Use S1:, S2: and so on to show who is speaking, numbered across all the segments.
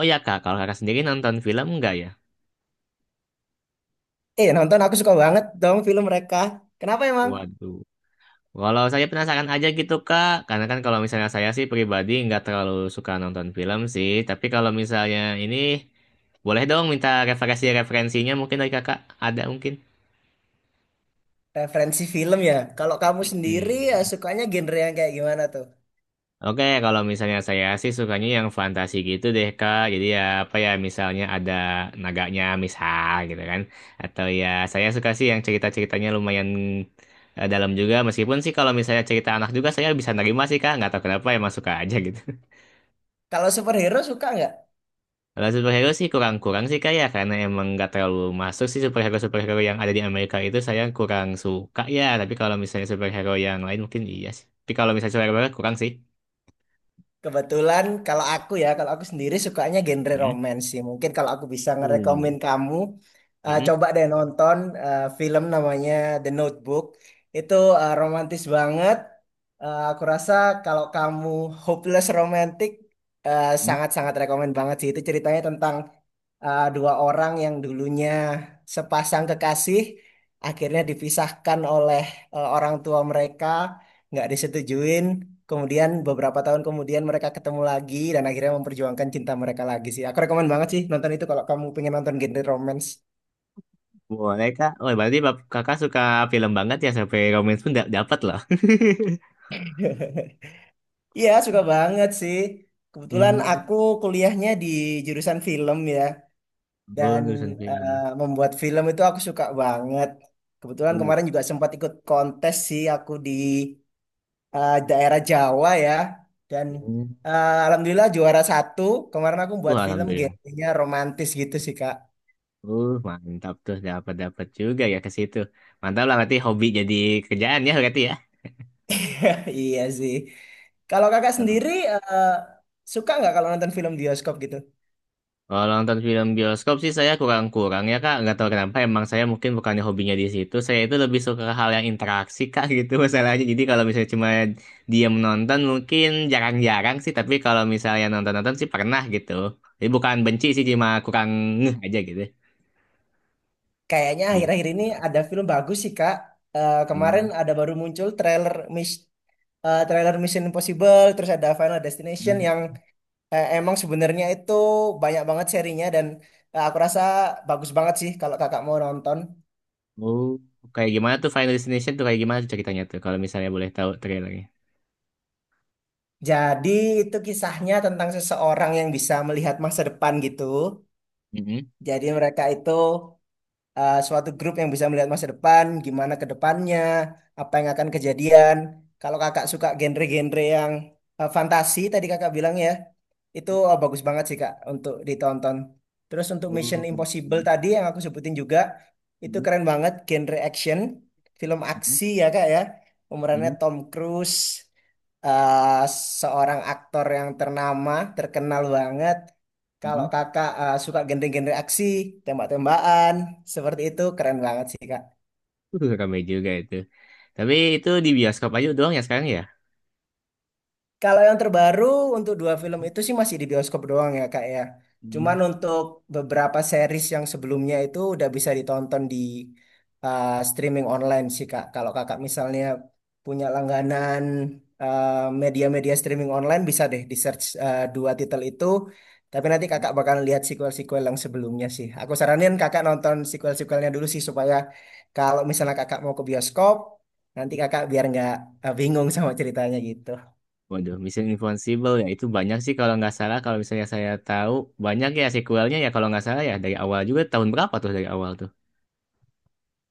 S1: Oh ya kak, kalau kakak sendiri nonton film enggak ya?
S2: Nonton aku suka banget dong film mereka. Kenapa emang?
S1: Waduh. Kalau saya penasaran aja gitu kak, karena kan kalau misalnya saya sih pribadi nggak terlalu suka nonton film sih, tapi kalau misalnya ini boleh dong minta referensi-referensinya mungkin dari kakak ada mungkin.
S2: Referensi film ya. Kalau kamu sendiri ya
S1: Mm-mm.
S2: sukanya genre yang kayak gimana tuh?
S1: Oke, kalau misalnya saya sih sukanya yang fantasi gitu deh, Kak. Jadi ya apa ya, misalnya ada naganya misal gitu kan. Atau ya saya suka sih yang cerita-ceritanya lumayan dalam juga. Meskipun sih kalau misalnya cerita anak juga saya bisa nerima sih, Kak. Nggak tahu kenapa emang suka aja gitu.
S2: Kalau superhero suka nggak?
S1: Kalau superhero sih kurang-kurang sih, Kak ya. Karena emang nggak terlalu masuk sih superhero-superhero yang ada di Amerika itu saya kurang suka ya. Tapi kalau misalnya superhero yang lain mungkin iya sih. Tapi kalau misalnya superhero kurang sih.
S2: Kebetulan kalau aku ya, kalau aku sendiri sukanya genre
S1: Hmm.
S2: romance sih. Mungkin kalau aku bisa
S1: Uh,
S2: ngerekomen kamu,
S1: Mm-mm.
S2: coba deh nonton film namanya The Notebook. Itu romantis banget. Aku rasa kalau kamu hopeless romantic, sangat-sangat rekomen banget sih. Itu ceritanya tentang dua orang yang dulunya sepasang kekasih akhirnya dipisahkan oleh orang tua mereka, nggak disetujuin. Kemudian beberapa tahun kemudian mereka ketemu lagi dan akhirnya memperjuangkan cinta mereka lagi sih. Aku rekomen banget sih nonton itu kalau kamu pengen nonton genre romance.
S1: Boleh kak. Oh berarti kakak suka film banget ya sampai romance pun dapat loh.
S2: Iya, suka banget sih. Kebetulan
S1: Hmm.
S2: aku kuliahnya di jurusan film ya,
S1: Oh
S2: dan
S1: urusan
S2: eh,
S1: film.
S2: membuat film itu aku suka banget. Kebetulan
S1: Uh.
S2: kemarin juga sempat ikut kontes sih aku di daerah Jawa ya. Dan
S1: Hmm.
S2: alhamdulillah juara satu. Kemarin aku
S1: Uh,
S2: buat film
S1: alhamdulillah.
S2: genrenya romantis gitu sih Kak.
S1: Mantap tuh dapat dapat juga ya ke situ. Mantap lah berarti hobi jadi kerjaan ya berarti
S2: Iya sih. Kalau kakak
S1: ya.
S2: sendiri suka nggak kalau nonton film bioskop gitu?
S1: Kalau nonton film bioskop sih saya kurang-kurang ya Kak. Nggak tahu kenapa emang saya mungkin bukannya hobinya di situ. Saya itu lebih suka hal yang interaksi Kak gitu masalahnya. Jadi kalau misalnya cuma diam nonton mungkin jarang-jarang sih. Tapi kalau misalnya nonton-nonton sih pernah gitu. Jadi bukan benci sih cuma kurang ngeh aja gitu.
S2: Kayaknya
S1: Gitu.
S2: akhir-akhir ini ada film bagus sih Kak. Eh, kemarin
S1: Hmm.
S2: ada baru muncul trailer trailer Mission Impossible, terus ada Final Destination yang emang sebenarnya itu banyak banget serinya dan aku rasa bagus banget sih kalau kakak mau nonton.
S1: Oh, kayak gimana tuh Final Destination tuh kayak gimana tuh ceritanya tuh kalau misalnya boleh tahu trailernya.
S2: Jadi itu kisahnya tentang seseorang yang bisa melihat masa depan gitu.
S1: Mm-mm.
S2: Jadi mereka itu suatu grup yang bisa melihat masa depan, gimana ke depannya, apa yang akan kejadian. Kalau kakak suka genre-genre yang fantasi tadi kakak bilang ya, itu bagus banget sih kak untuk ditonton. Terus untuk Mission
S1: Oh.
S2: Impossible
S1: Mm-mm.
S2: tadi yang aku sebutin juga, itu keren banget genre action, film
S1: Mm-mm.
S2: aksi ya kak ya. Pemerannya Tom Cruise, eh, seorang aktor yang ternama, terkenal banget. Kalau
S1: Mm-mm.
S2: kakak suka genre-genre aksi, tembak-tembakan, seperti itu keren banget sih kak.
S1: Rame juga itu. Tapi itu di bioskop aja doang ya sekarang ya?
S2: Kalau yang terbaru untuk dua film itu sih masih di bioskop doang ya kak ya.
S1: Hmm.
S2: Cuman untuk beberapa series yang sebelumnya itu udah bisa ditonton di streaming online sih kak. Kalau kakak misalnya punya langganan uh, media-media streaming online bisa deh di search dua titel itu. Tapi nanti kakak bakal lihat sequel-sequel yang sebelumnya sih. Aku saranin kakak nonton sequel-sequelnya dulu sih supaya kalau misalnya kakak mau ke bioskop, nanti kakak biar nggak bingung sama ceritanya gitu.
S1: Waduh, Mission Impossible ya itu banyak sih kalau nggak salah. Kalau misalnya saya tahu banyak ya sequelnya ya kalau nggak salah ya dari awal juga tahun berapa tuh dari awal tuh?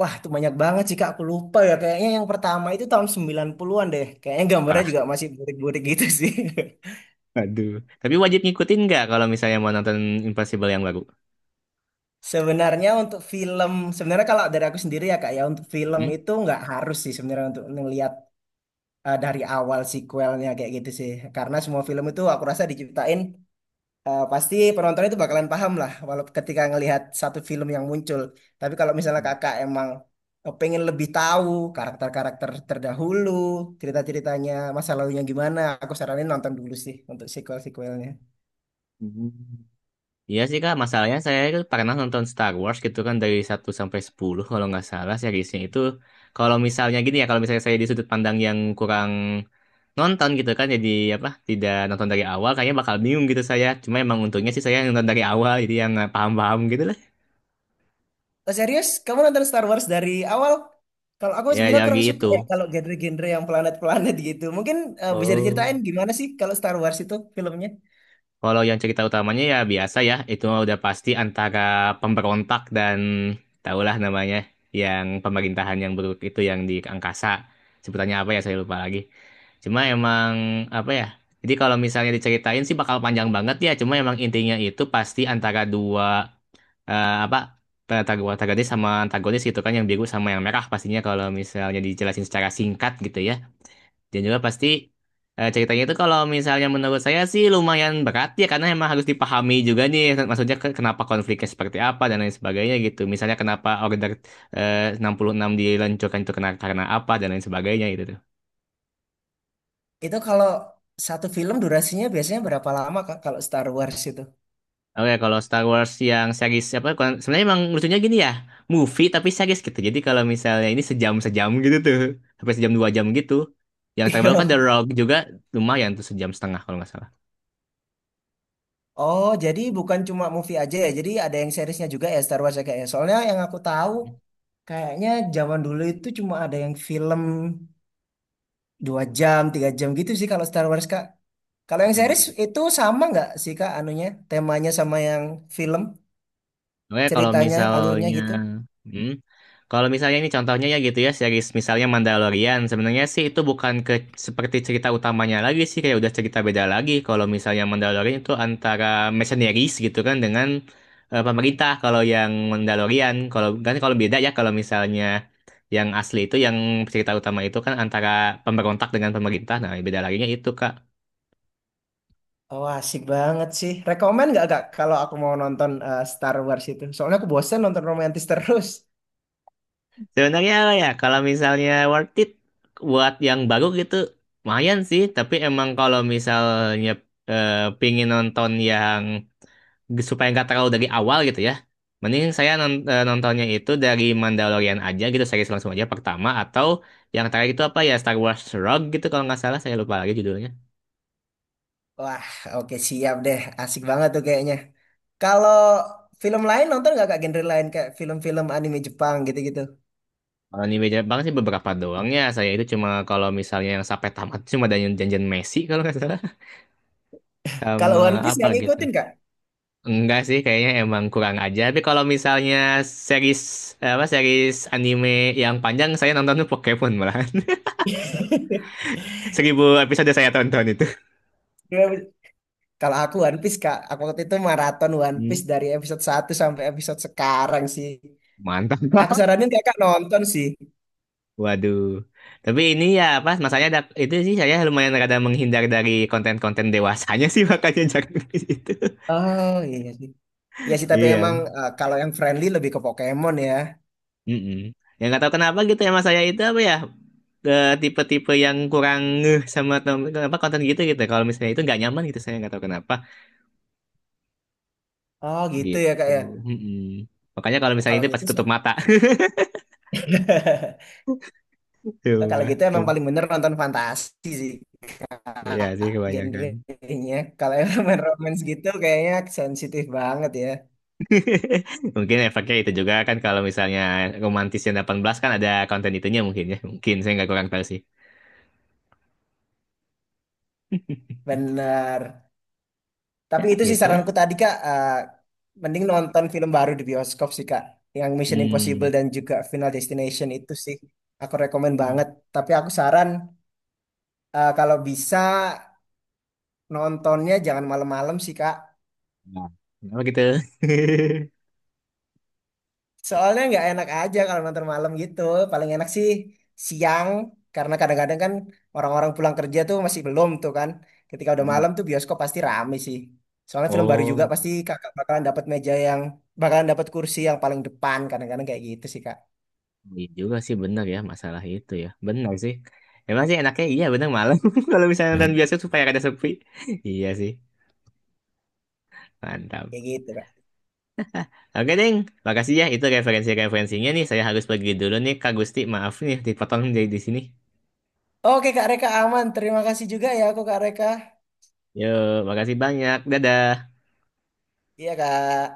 S2: Wah, itu banyak banget sih Kak. Aku lupa ya. Kayaknya yang pertama itu tahun 90-an deh. Kayaknya gambarnya
S1: Walah,
S2: juga masih burik-burik gitu sih.
S1: aduh. Tapi wajib ngikutin nggak kalau misalnya mau nonton Impossible yang baru?
S2: Sebenarnya untuk film, sebenarnya kalau dari aku sendiri ya Kak ya, untuk film
S1: Hmm?
S2: itu nggak harus sih sebenarnya untuk ngelihat dari awal sequelnya kayak gitu sih. Karena semua film itu aku rasa diciptain pasti penonton itu bakalan paham lah walau ketika ngelihat satu film yang muncul. Tapi kalau misalnya kakak emang pengen lebih tahu karakter-karakter terdahulu, cerita-ceritanya, masa lalunya gimana, aku saranin nonton dulu sih untuk sequel-sequelnya.
S1: Hmm. Iya sih kak, masalahnya saya itu pernah nonton Star Wars gitu kan dari satu sampai 10 kalau nggak salah seriesnya itu kalau misalnya gini ya, kalau misalnya saya di sudut pandang yang kurang nonton gitu kan jadi apa tidak nonton dari awal kayaknya bakal bingung gitu saya cuma emang untungnya sih saya nonton dari awal jadi yang paham-paham gitu lah
S2: Oh, serius? Kamu nonton Star Wars dari awal? Kalau aku
S1: ya
S2: sebenarnya
S1: jadi
S2: kurang suka
S1: itu.
S2: ya kalau genre-genre yang planet-planet gitu. Mungkin bisa
S1: Oh,
S2: diceritain gimana sih kalau Star Wars itu filmnya?
S1: kalau yang cerita utamanya ya biasa ya itu mah udah pasti antara pemberontak dan tahulah namanya yang pemerintahan yang buruk itu yang di angkasa sebutannya apa ya saya lupa lagi cuma emang apa ya jadi kalau misalnya diceritain sih bakal panjang banget ya cuma emang intinya itu pasti antara dua eh, apa Tagades sama antagonis gitu kan yang biru sama yang merah pastinya kalau misalnya dijelasin secara singkat gitu ya dan juga pasti ceritanya itu kalau misalnya menurut saya sih lumayan berat ya karena emang harus dipahami juga nih maksudnya kenapa konfliknya seperti apa dan lain sebagainya gitu misalnya kenapa Order 66 diluncurkan itu karena apa dan lain sebagainya gitu.
S2: Itu kalau satu film durasinya biasanya berapa lama Kak kalau Star Wars itu?
S1: Oke, kalau Star Wars yang series apa? Sebenarnya emang lucunya gini ya, movie tapi series gitu. Jadi kalau misalnya ini sejam-sejam gitu tuh, sampai sejam 2 jam gitu. Yang terbaru kan
S2: Iya.
S1: The Rock juga lumayan tuh sejam setengah kalau nggak
S2: Oh, jadi bukan cuma movie aja ya. Jadi ada yang seriesnya juga ya Star Wars ya kayaknya. Soalnya yang aku tahu
S1: salah.
S2: kayaknya zaman dulu itu cuma ada yang film dua jam, tiga jam gitu sih kalau Star Wars Kak. Kalau yang series itu sama nggak sih Kak anunya, temanya sama yang film,
S1: Oke,
S2: ceritanya, alurnya gitu?
S1: hmm, kalau misalnya ini contohnya ya gitu ya, series misalnya Mandalorian, sebenarnya sih itu bukan ke seperti cerita utamanya lagi sih, kayak udah cerita beda lagi. Kalau misalnya Mandalorian itu antara mercenaries gitu kan dengan pemerintah. Kalau yang Mandalorian, kalau kan kalau beda ya kalau misalnya yang asli itu yang cerita utama itu kan antara pemberontak dengan pemerintah. Nah, beda laginya itu Kak.
S2: Oh, asik banget sih. Rekomen nggak Kak kalau aku mau nonton Star Wars itu? Soalnya aku bosen nonton romantis terus.
S1: Sebenarnya apa ya, kalau misalnya worth it buat yang baru gitu, lumayan sih. Tapi emang kalau misalnya eh, pingin nonton yang supaya nggak terlalu dari awal gitu ya, mending saya nontonnya itu dari Mandalorian aja gitu, series langsung aja pertama. Atau yang terakhir itu apa ya, Star Wars Rogue gitu kalau nggak salah, saya lupa lagi judulnya.
S2: Wah, oke siap deh. Asik banget tuh kayaknya. Kalau film lain nonton nggak kak genre lain kayak film-film anime Jepang gitu-gitu?
S1: Kalau ini beda banget sih beberapa doang ya. Saya itu cuma kalau misalnya yang sampai tamat cuma ada yang Janjian Messi kalau nggak salah.
S2: Kalau
S1: Sama
S2: One Piece
S1: apa
S2: nggak
S1: gitu.
S2: ngikutin kak?
S1: Enggak sih, kayaknya emang kurang aja. Tapi kalau misalnya series apa series anime yang panjang, saya nonton tuh Pokemon malahan. 1.000 episode saya tonton itu.
S2: Kalau aku One Piece kak, aku waktu itu maraton One
S1: Hmm,
S2: Piece dari episode satu sampai episode sekarang sih.
S1: mantap.
S2: Aku saranin kakak nonton sih.
S1: Waduh. Tapi ini ya apa masanya ada, itu sih saya lumayan rada menghindar dari konten-konten dewasanya sih makanya jarang di situ.
S2: Oh iya sih. Iya sih tapi
S1: Iya.
S2: emang kalau yang friendly lebih ke Pokemon ya.
S1: Mm-mm. Yang nggak tahu kenapa gitu ya mas saya itu apa ya tipe-tipe yang kurang ngeh sama apa konten gitu gitu. Kalau misalnya itu nggak nyaman gitu saya nggak tahu kenapa.
S2: Oh gitu ya kak
S1: Gitu.
S2: ya.
S1: Mm-mm. Makanya kalau misalnya
S2: Kalau
S1: ini
S2: gitu
S1: pasti tutup
S2: sih-
S1: mata.
S2: kalau
S1: Coba.
S2: gitu emang paling bener nonton fantasi sih.
S1: Iya sih kebanyakan.
S2: Genrenya kalau yang romance gitu kayaknya sensitif banget ya,
S1: Mungkin efeknya itu juga kan kalau misalnya romantis yang 18 kan ada konten itunya mungkin ya. Mungkin saya nggak kurang tahu sih.
S2: bener.
S1: Ya,
S2: Tapi itu sih
S1: gitu lah.
S2: saranku tadi kak, mending nonton film baru di bioskop sih kak, yang Mission Impossible
S1: Hmm.
S2: dan juga Final Destination itu sih aku rekomen
S1: Hmm.
S2: banget. Tapi aku saran kalau bisa nontonnya jangan malam-malam sih kak.
S1: Nah, kenapa gitu?
S2: Soalnya nggak enak aja kalau nonton malam gitu. Paling enak sih siang, karena kadang-kadang kan orang-orang pulang kerja tuh masih belum tuh kan. Ketika udah
S1: Hmm.
S2: malam tuh bioskop pasti rame sih. Soalnya film baru juga
S1: Oh,
S2: pasti kakak bakalan dapat meja yang, bakalan dapat kursi yang paling depan. Kadang-kadang kayak gitu sih kak.
S1: iya juga sih benar ya masalah itu ya. Benar sih. Emang sih enaknya iya benar malam kalau misalnya nonton biasa supaya ada sepi. Iya sih. Mantap.
S2: Kayak gitu kak.
S1: Oke, Ding. Makasih ya. Itu referensi-referensinya nih. Saya harus pergi dulu nih, Kak Gusti. Maaf nih, dipotong dari di sini.
S2: Oke kak Reka aman. Terima kasih juga ya aku kak Reka.
S1: Yo, makasih banyak. Dadah.
S2: Iya kak.